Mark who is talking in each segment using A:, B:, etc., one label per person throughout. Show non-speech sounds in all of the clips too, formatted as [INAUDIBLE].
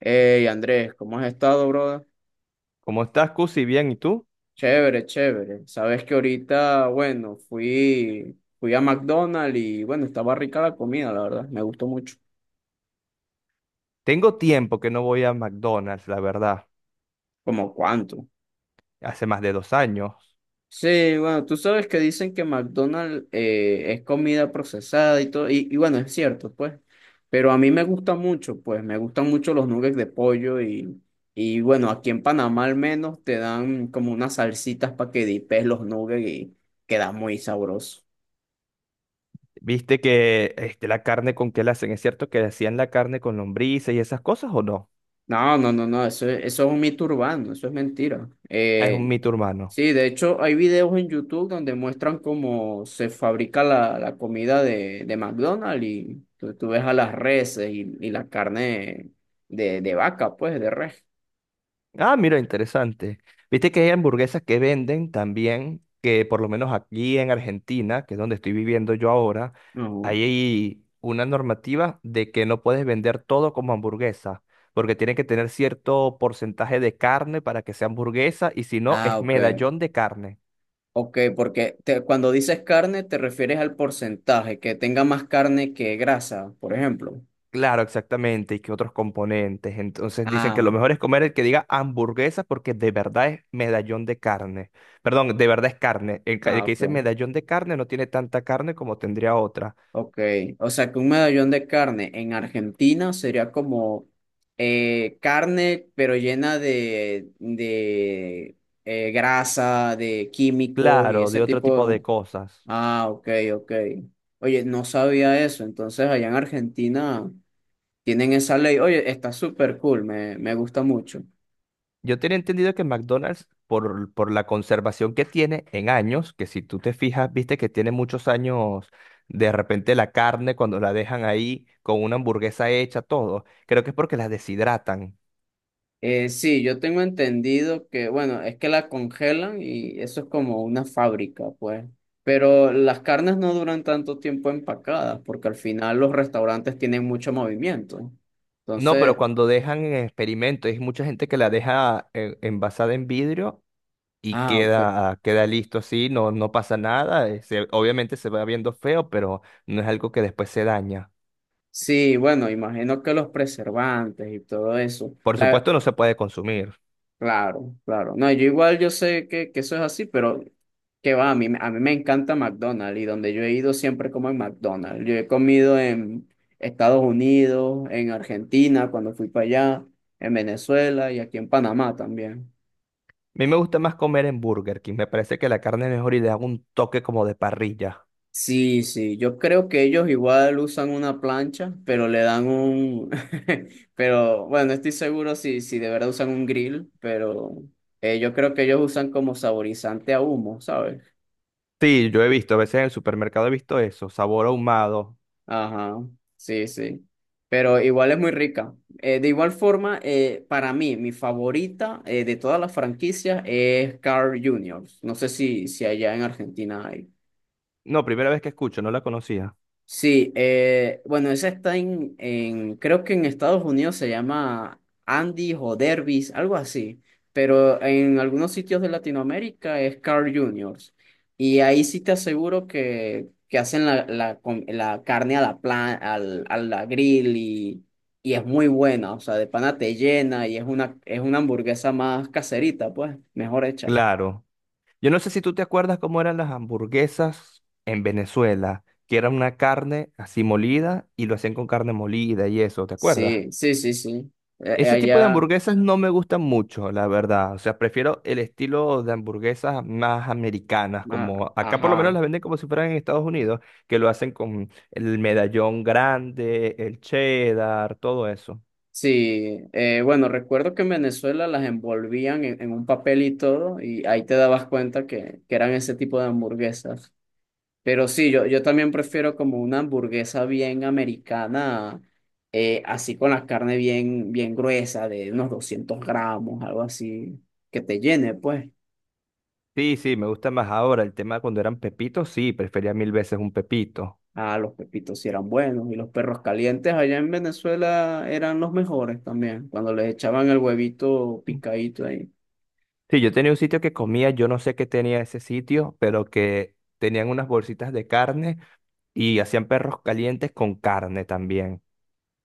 A: Hey Andrés, ¿cómo has estado, brother?
B: ¿Cómo estás, Cusi? Bien, ¿y tú?
A: Chévere, chévere. Sabes que ahorita, bueno, fui a McDonald's y bueno, estaba rica la comida, la verdad. Me gustó mucho.
B: Tengo tiempo que no voy a McDonald's, la verdad.
A: ¿Como cuánto?
B: Hace más de 2 años.
A: Sí, bueno, tú sabes que dicen que McDonald's es comida procesada y todo, y bueno, es cierto, pues. Pero a mí me gusta mucho, pues, me gustan mucho los nuggets de pollo y bueno, aquí en Panamá al menos te dan como unas salsitas para que dipes los nuggets y queda muy sabroso.
B: ¿Viste que este, la carne con qué la hacen? ¿Es cierto que hacían la carne con lombrices y esas cosas o no?
A: No, no, no, no, eso, eso es un mito urbano, eso es mentira.
B: Es un mito urbano.
A: Sí, de hecho hay videos en YouTube donde muestran cómo se fabrica la comida de McDonald's y tú ves a las reses y la carne de vaca, pues, de res.
B: Ah, mira, interesante. Viste que hay hamburguesas que venden también, que por lo menos aquí en Argentina, que es donde estoy viviendo yo ahora,
A: Ujú.
B: hay una normativa de que no puedes vender todo como hamburguesa, porque tiene que tener cierto porcentaje de carne para que sea hamburguesa, y si no,
A: Ah,
B: es
A: ok,
B: medallón de carne.
A: ok, porque cuando dices carne te refieres al porcentaje, que tenga más carne que grasa, por ejemplo.
B: Claro, exactamente, y que otros componentes. Entonces dicen que lo
A: Ah,
B: mejor es comer el que diga hamburguesa porque de verdad es medallón de carne. Perdón, de verdad es carne. El
A: ah,
B: que
A: ok.
B: dice medallón de carne no tiene tanta carne como tendría otra.
A: Ok, o sea que un medallón de carne en Argentina sería como carne pero llena de grasa, de químicos y
B: Claro,
A: ese
B: de otro tipo de
A: tipo.
B: cosas.
A: Ah, ok, ok. Oye, no sabía eso, entonces allá en Argentina tienen esa ley. Oye, está súper cool, me gusta mucho.
B: Yo tenía entendido que McDonald's, por la conservación que tiene en años, que si tú te fijas, viste que tiene muchos años, de repente la carne cuando la dejan ahí con una hamburguesa hecha, todo, creo que es porque la deshidratan.
A: Sí, yo tengo entendido que, bueno, es que la congelan y eso es como una fábrica, pues. Pero las carnes no duran tanto tiempo empacadas porque al final los restaurantes tienen mucho movimiento.
B: No, pero
A: Entonces,
B: cuando dejan en experimento, hay mucha gente que la deja envasada en vidrio y
A: ah, ok.
B: queda listo así, no, no pasa nada. Obviamente se va viendo feo, pero no es algo que después se daña.
A: Sí, bueno, imagino que los preservantes y todo eso.
B: Por
A: La-
B: supuesto, no se puede consumir. A
A: Claro, claro. No, yo igual yo sé que eso es así, pero que va, a mí me encanta McDonald's y donde yo he ido siempre como en McDonald's. Yo he comido en Estados Unidos, en Argentina cuando fui para allá, en Venezuela y aquí en Panamá también.
B: mí me gusta más comer en Burger King. Me parece que la carne es mejor y le hago un toque como de parrilla.
A: Sí, sí, yo creo que ellos igual usan una plancha, pero le dan un, [LAUGHS] pero bueno, estoy seguro si de verdad usan un grill, pero yo creo que ellos usan como saborizante a humo, ¿sabes?
B: Sí, yo he visto, a veces en el supermercado he visto eso, sabor ahumado.
A: Ajá, sí, sí. Pero igual es muy rica. De igual forma, para mí, mi favorita de todas las franquicias es Carl Jr. No sé si, si allá en Argentina hay.
B: No, primera vez que escucho, no la conocía.
A: Sí, bueno, esa está en, creo que en Estados Unidos se llama Andy o Derbys, algo así, pero en algunos sitios de Latinoamérica es Carl Juniors. Y ahí sí te aseguro que hacen la carne a a la grill y es muy buena, o sea, de pana te llena y es una hamburguesa más caserita, pues, mejor hecha.
B: Claro. Yo no sé si tú te acuerdas cómo eran las hamburguesas en Venezuela, que era una carne así molida y lo hacían con carne molida y eso, ¿te acuerdas?
A: Sí, sí, sí, sí.
B: Ese tipo de
A: Allá,
B: hamburguesas no me gustan mucho, la verdad. O sea, prefiero el estilo de hamburguesas más americanas,
A: ah,
B: como acá por lo menos
A: ajá.
B: las venden como si fueran en Estados Unidos, que lo hacen con el medallón grande, el cheddar, todo eso.
A: Sí, bueno, recuerdo que en Venezuela las envolvían en un papel y todo, y ahí te dabas cuenta que eran ese tipo de hamburguesas. Pero sí, yo también prefiero como una hamburguesa bien americana, así con la carne bien, bien gruesa, de unos 200 gramos, algo así, que te llene, pues.
B: Sí, sí, me gusta más ahora. El tema cuando eran pepitos, sí, prefería mil veces un pepito.
A: Ah, los pepitos sí eran buenos, y los perros calientes allá en Venezuela eran los mejores también, cuando les echaban el huevito picadito ahí.
B: Sí, yo tenía un sitio que comía, yo no sé qué tenía ese sitio, pero que tenían unas bolsitas de carne y hacían perros calientes con carne también.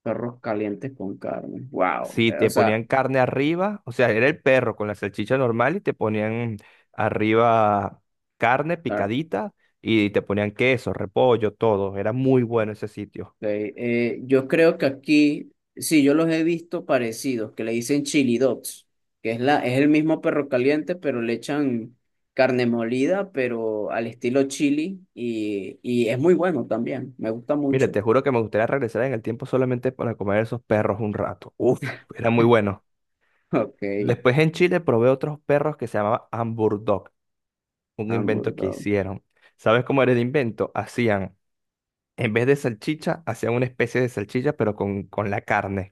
A: Perros calientes con carne. Wow.
B: Sí,
A: O
B: te
A: sea,
B: ponían carne arriba, o sea, era el perro con la salchicha normal y te ponían arriba carne
A: ah, ok.
B: picadita y te ponían queso, repollo, todo. Era muy bueno ese sitio.
A: Yo creo que aquí, sí, yo los he visto parecidos, que le dicen chili dogs, que es la, es el mismo perro caliente, pero le echan carne molida, pero al estilo chili, y es muy bueno también. Me gusta
B: Mira,
A: mucho.
B: te
A: [LAUGHS]
B: juro que me gustaría regresar en el tiempo solamente para comer esos perros un rato. Uf, era muy bueno.
A: Ok,
B: Después en Chile probé otros perros que se llamaban Hamburg, un
A: hamburger.
B: invento que
A: Dog.
B: hicieron. ¿Sabes cómo era el invento? Hacían, en vez de salchicha, hacían una especie de salchicha, pero con la carne.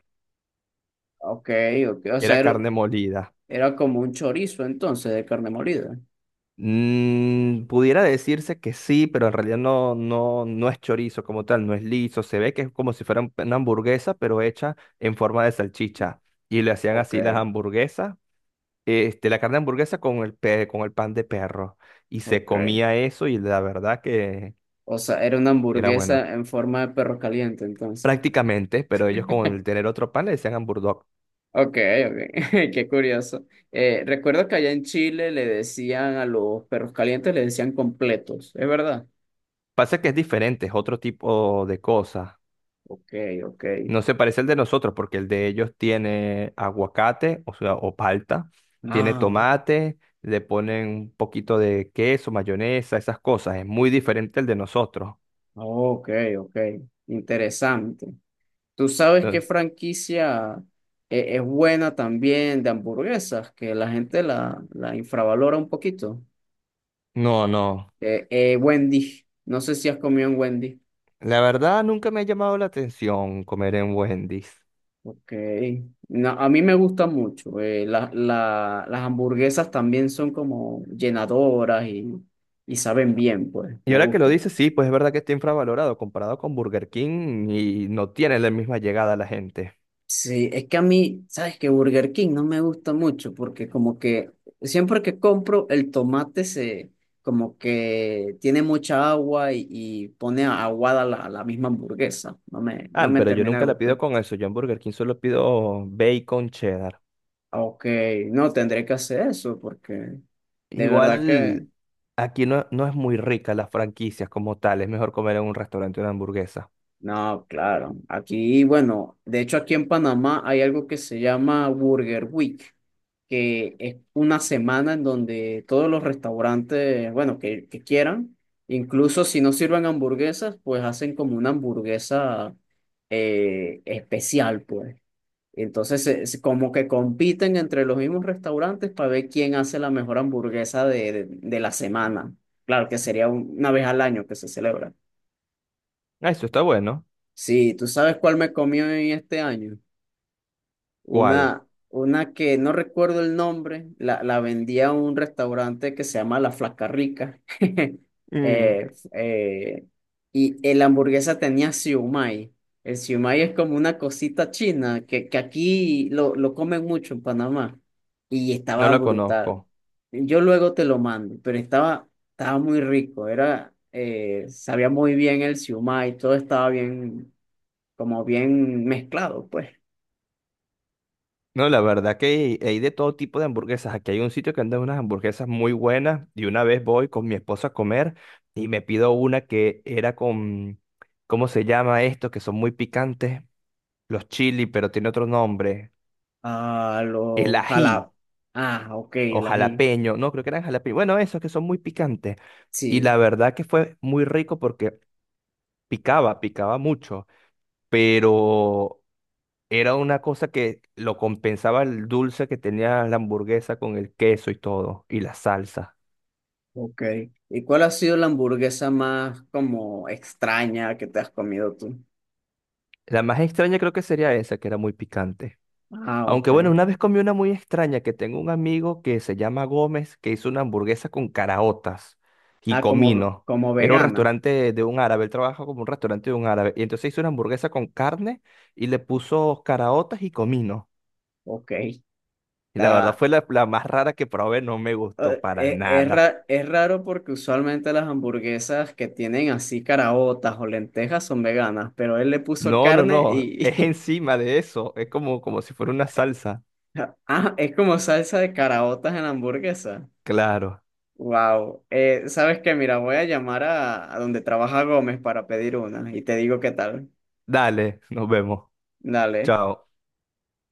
A: Ok, ok. O sea,
B: Era
A: era,
B: carne molida.
A: era como un chorizo entonces de carne molida.
B: Mm, pudiera decirse que sí, pero en realidad no es chorizo como tal, no es liso. Se ve que es como si fuera una hamburguesa, pero hecha en forma de salchicha. Y le hacían
A: Ok,
B: así las hamburguesas, este, la carne de hamburguesa con con el pan de perro. Y se
A: ok.
B: comía eso y la verdad que
A: O sea, era una
B: era bueno.
A: hamburguesa en forma de perro caliente entonces.
B: Prácticamente, pero ellos con el tener otro pan le decían hamburdog.
A: Ok, ok, [LAUGHS] qué curioso. Recuerdo que allá en Chile le decían a los perros calientes, le decían completos, ¿es verdad?
B: Pasa que es diferente, es otro tipo de cosa.
A: Ok, ok.
B: No se parece al de nosotros porque el de ellos tiene aguacate, o sea, o palta, tiene
A: Ah,
B: tomate, le ponen un poquito de queso, mayonesa, esas cosas. Es muy diferente al de nosotros.
A: ok, ok. Interesante. ¿Tú sabes qué
B: Entonces,
A: franquicia es buena también de hamburguesas? Que la gente la, la infravalora un poquito.
B: no, no.
A: Wendy. No sé si has comido en Wendy.
B: La verdad nunca me ha llamado la atención comer en Wendy's.
A: Ok. No, a mí me gusta mucho. La- la- las hamburguesas también son como llenadoras y saben bien, pues,
B: Y
A: me
B: ahora que lo
A: gustan.
B: dices, sí, pues es verdad que está infravalorado comparado con Burger King y no tiene la misma llegada a la gente.
A: Sí, es que a mí, ¿sabes que Burger King no me gusta mucho porque como que siempre que compro el tomate se como que tiene mucha agua y pone aguada la, la misma hamburguesa. No me, no
B: Ah,
A: me
B: pero yo
A: termina de
B: nunca la pido
A: gustar.
B: con eso. Yo en Burger King solo pido bacon cheddar.
A: Ok, no, tendré que hacer eso porque de verdad
B: Igual
A: que...
B: aquí no, no es muy rica las franquicias como tal. Es mejor comer en un restaurante una hamburguesa.
A: No, claro. Aquí, bueno, de hecho aquí en Panamá hay algo que se llama Burger Week, que es una semana en donde todos los restaurantes, bueno, que quieran, incluso si no sirven hamburguesas, pues hacen como una hamburguesa especial, pues. Entonces, como que compiten entre los mismos restaurantes para ver quién hace la mejor hamburguesa de la semana. Claro que sería una vez al año que se celebra.
B: Ah, eso está bueno.
A: Sí, ¿tú sabes cuál me comió en este año?
B: ¿Cuál?
A: Una que no recuerdo el nombre, la vendía a un restaurante que se llama La Flaca Rica. [LAUGHS]
B: Mm,
A: Eh, eh, y el hamburguesa tenía siumay. El siumay es como una cosita china que aquí lo comen mucho en Panamá. Y
B: no
A: estaba
B: la
A: brutal.
B: conozco.
A: Yo luego te lo mando, pero estaba, estaba muy rico. Era, sabía muy bien el siumay, todo estaba bien como bien mezclado, pues.
B: No, la verdad que hay de todo tipo de hamburguesas. Aquí hay un sitio que anda unas hamburguesas muy buenas. Y una vez voy con mi esposa a comer y me pido una que era con, ¿cómo se llama esto? Que son muy picantes. Los chili, pero tiene otro nombre.
A: A
B: El
A: los
B: ají.
A: jalados. Ah, ok,
B: O
A: el ají.
B: jalapeño, no, creo que eran jalapeño. Bueno, esos que son muy picantes. Y
A: Sí,
B: la verdad que fue muy rico porque picaba, picaba mucho, pero era una cosa que lo compensaba el dulce que tenía la hamburguesa con el queso y todo, y la salsa.
A: ok. ¿Y cuál ha sido la hamburguesa más como extraña que te has comido tú?
B: La más extraña creo que sería esa, que era muy picante.
A: Ah,
B: Aunque
A: ok.
B: bueno, una vez comí una muy extraña que tengo un amigo que se llama Gómez que hizo una hamburguesa con caraotas y
A: Ah, como,
B: comino.
A: como
B: Era un
A: vegana.
B: restaurante de un árabe, él trabaja como un restaurante de un árabe. Y entonces hizo una hamburguesa con carne y le puso caraotas y comino.
A: Ok.
B: Y la verdad
A: Está,
B: fue la, la más rara que probé, no me gustó para nada.
A: es raro porque usualmente las hamburguesas que tienen así caraotas o lentejas son veganas, pero él le puso
B: No, no,
A: carne
B: no, [LAUGHS] es
A: y... [LAUGHS]
B: encima de eso, es como, como si fuera una salsa.
A: Ah, es como salsa de caraotas en la hamburguesa.
B: Claro.
A: Wow. ¿Sabes qué? Mira, voy a llamar a donde trabaja Gómez para pedir una y te digo qué tal.
B: Dale, nos vemos.
A: Dale.
B: Chao.